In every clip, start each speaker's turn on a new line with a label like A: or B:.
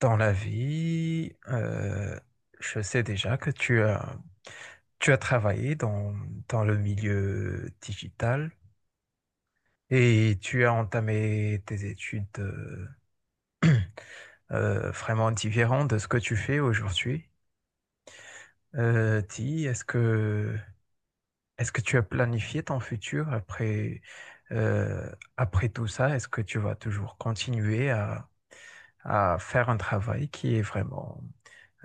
A: Dans la vie, je sais déjà que tu as travaillé dans le milieu digital et tu as entamé tes études vraiment différentes de ce que tu fais aujourd'hui. Dis, est-ce que tu as planifié ton futur après, euh, après tout ça? Est-ce que tu vas toujours continuer à faire un travail qui est vraiment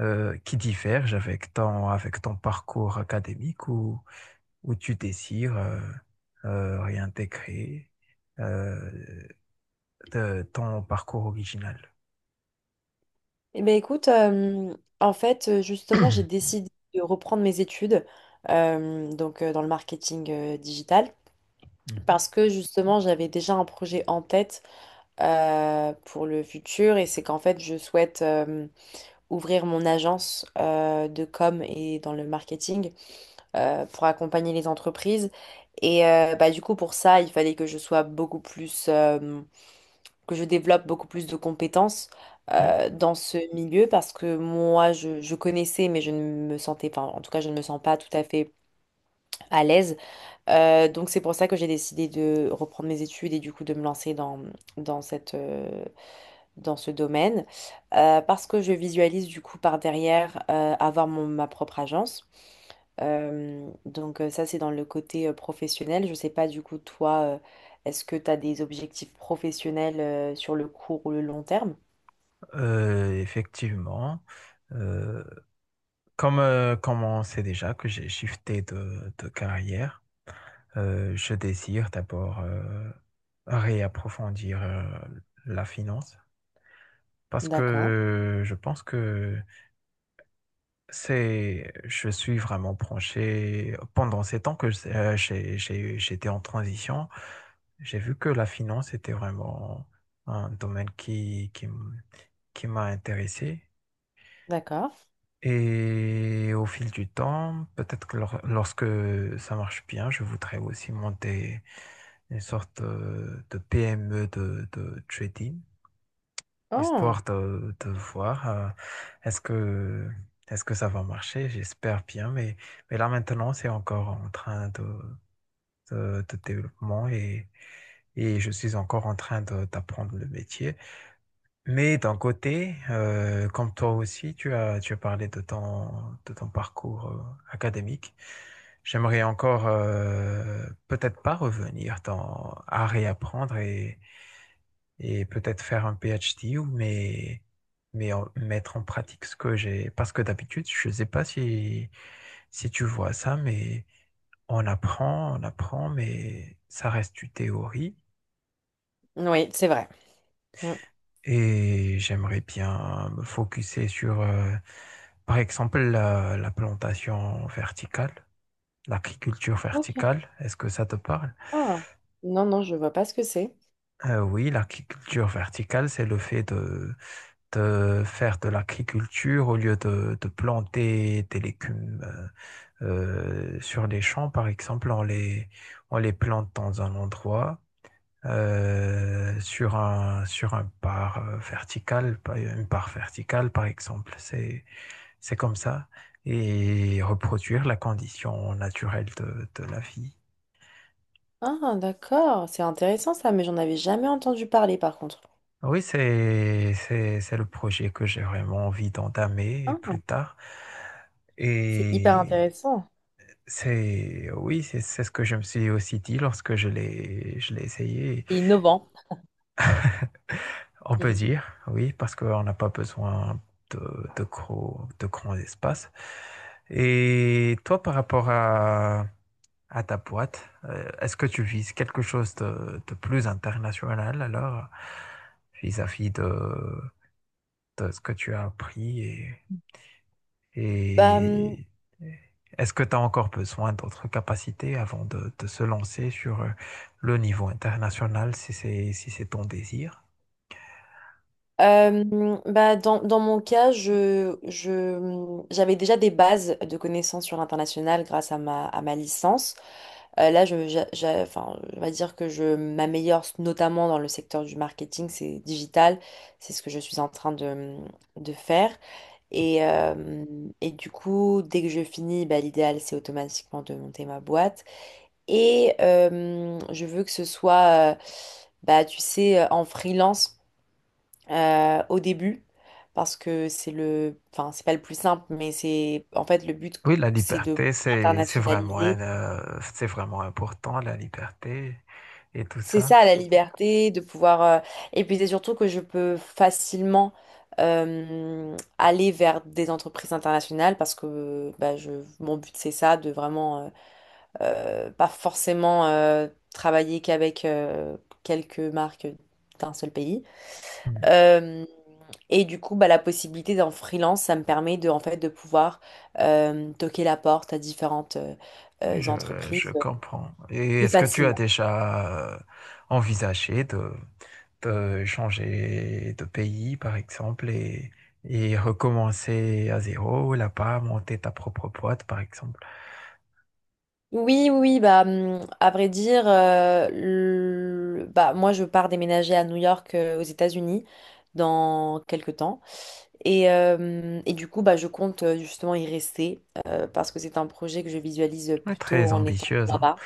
A: qui divergent avec avec ton parcours académique où tu désires réintégrer euh, ton parcours original.
B: Eh ben écoute, en fait, justement, j'ai décidé de reprendre mes études donc dans le marketing digital
A: Mhm.
B: parce que justement, j'avais déjà un projet en tête, pour le futur. Et c'est qu'en fait, je souhaite ouvrir mon agence de com et dans le marketing, pour accompagner les entreprises. Et bah, du coup, pour ça, il fallait que je sois beaucoup plus que je développe beaucoup plus de compétences
A: Ouais.
B: dans ce milieu, parce que moi, je connaissais, mais je ne me sentais, enfin, en tout cas, je ne me sens pas tout à fait à l'aise. Donc, c'est pour ça que j'ai décidé de reprendre mes études et du coup de me lancer dans, dans cette, dans ce domaine, parce que je visualise du coup par derrière avoir ma propre agence. Donc, ça, c'est dans le côté professionnel. Je sais pas du coup, toi, est-ce que tu as des objectifs professionnels sur le court ou le long terme?
A: Effectivement, euh, comme on sait déjà que j'ai shifté de carrière, je désire d'abord réapprofondir la finance parce
B: D'accord,
A: que je pense que c'est, je suis vraiment branché. Pendant ces temps que j'étais en transition, j'ai vu que la finance était vraiment un domaine qui m'a intéressé.
B: d'accord.
A: Et au fil du temps, peut-être que lorsque ça marche bien, je voudrais aussi monter une sorte de PME de trading,
B: Oh,
A: histoire de voir est-ce que, est-ce que ça va marcher. J'espère bien, mais là maintenant, c'est encore en train de développement et je suis encore en train d'apprendre le métier. Mais d'un côté, comme toi aussi, tu as parlé de de ton parcours académique. J'aimerais encore peut-être pas revenir dans, à réapprendre et peut-être faire un PhD ou mais en- mettre en pratique ce que j'ai, parce que d'habitude je ne sais pas si si tu vois ça, mais on apprend on apprend, mais ça reste du théorie,
B: oui, c'est vrai. Mm.
A: et j'aimerais bien me focuser sur par exemple la plantation verticale, l'agriculture
B: Ok.
A: verticale, est-ce que ça te parle?
B: Ah. Non, non, je vois pas ce que c'est.
A: Oui, l'agriculture verticale, c'est le fait de faire de l'agriculture au lieu de planter des légumes sur les champs, par exemple, on les plante dans un endroit, sur sur un une part verticale, par exemple. C'est comme ça. Et reproduire la condition naturelle de la vie.
B: Ah, d'accord. C'est intéressant ça, mais j'en avais jamais entendu parler par contre.
A: Oui, c'est le projet que j'ai vraiment envie d'entamer
B: Ah,
A: plus tard.
B: c'est hyper
A: Et
B: intéressant
A: c'est oui, c'est ce que je me suis aussi dit lorsque je l'ai essayé.
B: et innovant.
A: On peut dire oui, parce qu'on n'a pas besoin de de gros de grands espaces. Et toi, par rapport à ta boîte, est-ce que tu vises quelque chose de plus international, alors, vis-à-vis de ce que tu as appris?
B: Bah,
A: Et est-ce que tu as encore besoin d'autres capacités avant de se lancer sur le niveau international, si c'est ton désir?
B: Bah dans, dans mon cas, je j'avais déjà des bases de connaissances sur l'international grâce à ma licence. Là, je, enfin, on va dire que je m'améliore notamment dans le secteur du marketing, c'est digital, c'est ce que je suis en train de, mmh, de faire. Et, euh, et du coup, dès que je finis, bah, l'idéal, c'est automatiquement de monter ma boîte. Et je veux que ce soit, bah, tu sais, en freelance au début, parce que c'est le, enfin c'est pas le plus simple, mais c'est en fait le but,
A: Oui, la
B: c'est de
A: liberté, c'est vraiment,
B: internationaliser.
A: c'est vraiment important, la liberté et tout
B: C'est
A: ça.
B: ça la liberté, de pouvoir. Et puis c'est surtout que je peux facilement aller vers des entreprises internationales parce que bah, je... mon but c'est ça, de vraiment pas forcément travailler qu'avec quelques marques d'un seul pays.
A: Hmm.
B: Euh, et du coup, bah, la possibilité d'en freelance, ça me permet de, en fait, de pouvoir toquer la porte à différentes
A: Oui, je
B: entreprises
A: comprends. Et
B: plus
A: est-ce que tu as
B: facilement.
A: déjà envisagé de changer de pays, par exemple, et recommencer à zéro, là-bas, monter ta propre boîte, par exemple?
B: Oui, oui, oui, bah, à vrai dire, bah, moi, je pars déménager à New York, aux États-Unis, dans quelques temps. Et du coup, bah, je compte justement y rester, parce que c'est un projet que je visualise
A: Oui,
B: plutôt
A: très
B: en étant
A: ambitieuse, hein.
B: là-bas.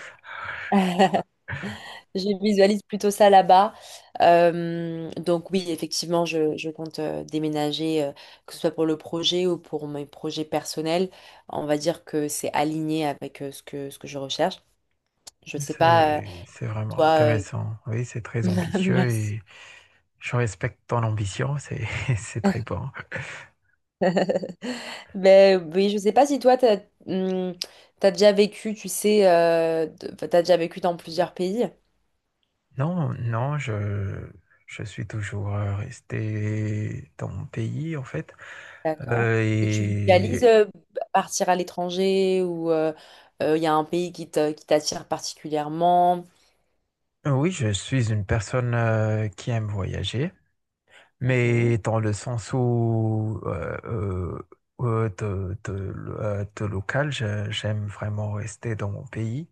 B: Je visualise plutôt ça là-bas. Donc oui, effectivement, je compte déménager, que ce soit pour le projet ou pour mes projets personnels. On va dire que c'est aligné avec ce que je recherche. Je sais pas,
A: C'est vraiment
B: toi... euh,
A: intéressant. Oui, c'est très ambitieux
B: Merci.
A: et je respecte ton ambition, c'est, c'est très bon.
B: Ben oui, je sais pas si toi, t'as, hum, t'as déjà vécu, tu sais, enfin, t'as déjà vécu dans plusieurs pays.
A: Non, non, je suis toujours resté dans mon pays, en fait.
B: D'accord. Et tu visualises
A: Et
B: partir à l'étranger ou il y a un pays qui t'attire particulièrement?
A: oui, je suis une personne qui aime voyager,
B: Mhm.
A: mais dans le sens où euh, de, de, de local, j'aime vraiment rester dans mon pays.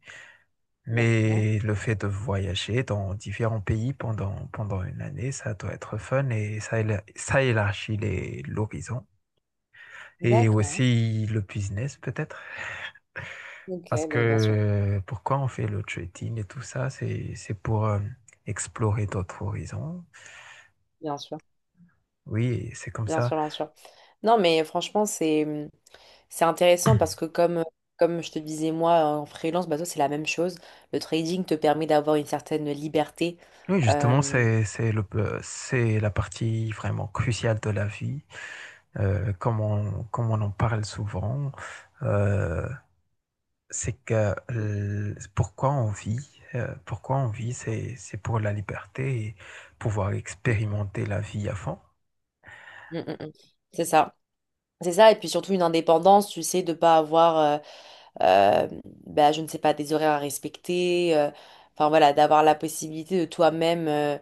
B: D'accord.
A: Mais le fait de voyager dans différents pays pendant une année, ça doit être fun, et ça, ça élargit l'horizon. Et
B: D'accord.
A: aussi le business peut-être,
B: Ok,
A: parce
B: ben, bien sûr.
A: que pourquoi on fait le trading et tout ça, c'est pour explorer d'autres horizons.
B: Bien sûr.
A: Oui, c'est comme
B: Bien
A: ça.
B: sûr, bien sûr. Non, mais franchement, c'est c'est intéressant parce que comme, comme je te disais, moi, en freelance, bah, toi, c'est la même chose. Le trading te permet d'avoir une certaine liberté.
A: Oui, justement,
B: Euh,
A: c'est le c'est la partie vraiment cruciale de la vie, comme on en parle souvent. euh, c'est que pourquoi on vit, c'est pour la liberté, et pouvoir expérimenter la vie à fond.
B: Mm, mm, mm. C'est ça. C'est ça, et puis surtout une indépendance, tu sais, de pas avoir euh, bah, je ne sais pas, des horaires à respecter, enfin voilà, d'avoir la possibilité de toi-même euh,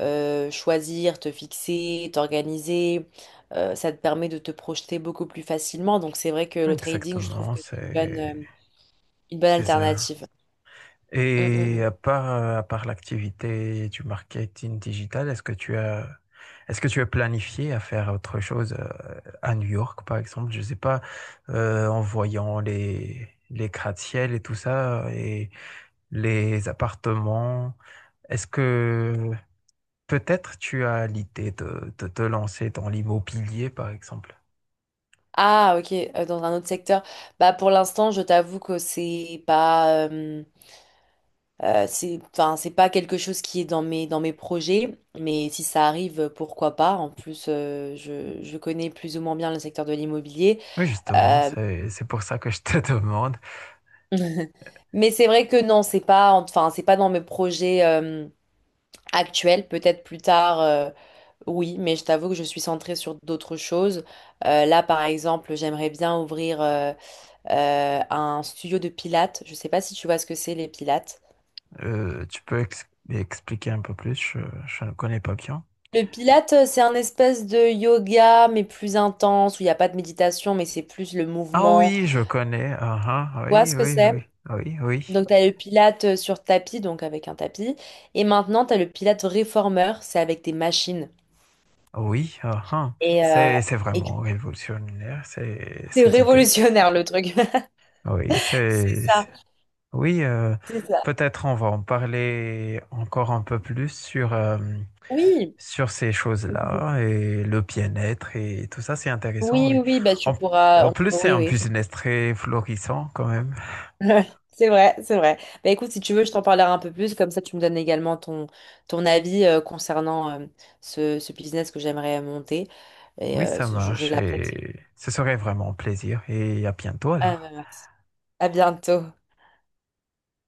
B: euh, choisir, te fixer, t'organiser, ça te permet de te projeter beaucoup plus facilement. Donc c'est vrai que le trading, je trouve
A: Exactement,
B: que c'est une bonne
A: c'est ça.
B: alternative. Mm, mm,
A: Et
B: mm.
A: à part l'activité du marketing digital, est-ce que tu as est-ce que tu as planifié à faire autre chose à New York, par exemple? Je sais pas, en voyant les gratte-ciel et tout ça et les appartements. Est-ce que peut-être tu as l'idée de te lancer dans l'immobilier, par exemple.
B: Ah, ok, dans un autre secteur. Bah, pour l'instant, je t'avoue que c'est pas. C'est, enfin, c'est pas quelque chose qui est dans mes projets, mais si ça arrive, pourquoi pas. En plus, je connais plus ou moins bien le secteur de l'immobilier.
A: Oui, justement,
B: Euh,
A: c'est pour ça que je te demande.
B: mais c'est vrai que non, c'est pas, enfin, c'est pas dans mes projets, actuels. Peut-être plus tard, oui, mais je t'avoue que je suis centrée sur d'autres choses. Là, par exemple, j'aimerais bien ouvrir, un studio de pilates. Je sais pas si tu vois ce que c'est, les pilates.
A: Tu peux expliquer un peu plus, je ne connais pas bien.
B: Le Pilate, c'est un espèce de yoga, mais plus intense, où il n'y a pas de méditation, mais c'est plus le
A: Ah
B: mouvement.
A: oui, je connais. Ah
B: Tu
A: ah,
B: vois ce
A: oui,
B: que
A: oui,
B: c'est?
A: oui, oui, oui.
B: Donc, tu as le Pilate sur tapis, donc avec un tapis. Et maintenant, tu as le Pilate réformeur, c'est avec des machines.
A: Oui, ah ah.
B: Et, euh,
A: C'est
B: et du
A: vraiment
B: coup,
A: révolutionnaire, c'est,
B: c'est
A: cette idée.
B: révolutionnaire, le truc.
A: Oui,
B: C'est ça,
A: oui,
B: c'est ça.
A: peut-être on va en parler encore un peu plus sur,
B: Oui.
A: sur ces
B: Oui,
A: choses-là et le bien-être et tout ça, c'est intéressant, oui.
B: oui, oui, bah tu
A: En,
B: pourras.
A: en plus,
B: On
A: c'est
B: oui,
A: un
B: oui,
A: business très florissant quand même.
B: ouais, c'est vrai, c'est vrai. Bah écoute, si tu veux, je t'en parlerai un peu plus, comme ça tu me donnes également ton, ton avis concernant ce, ce business que j'aimerais monter. Et
A: Oui, ça
B: je
A: marche
B: l'apprécie.
A: et ce serait vraiment un plaisir, et à bientôt
B: Ah,
A: alors.
B: bah, merci. À bientôt.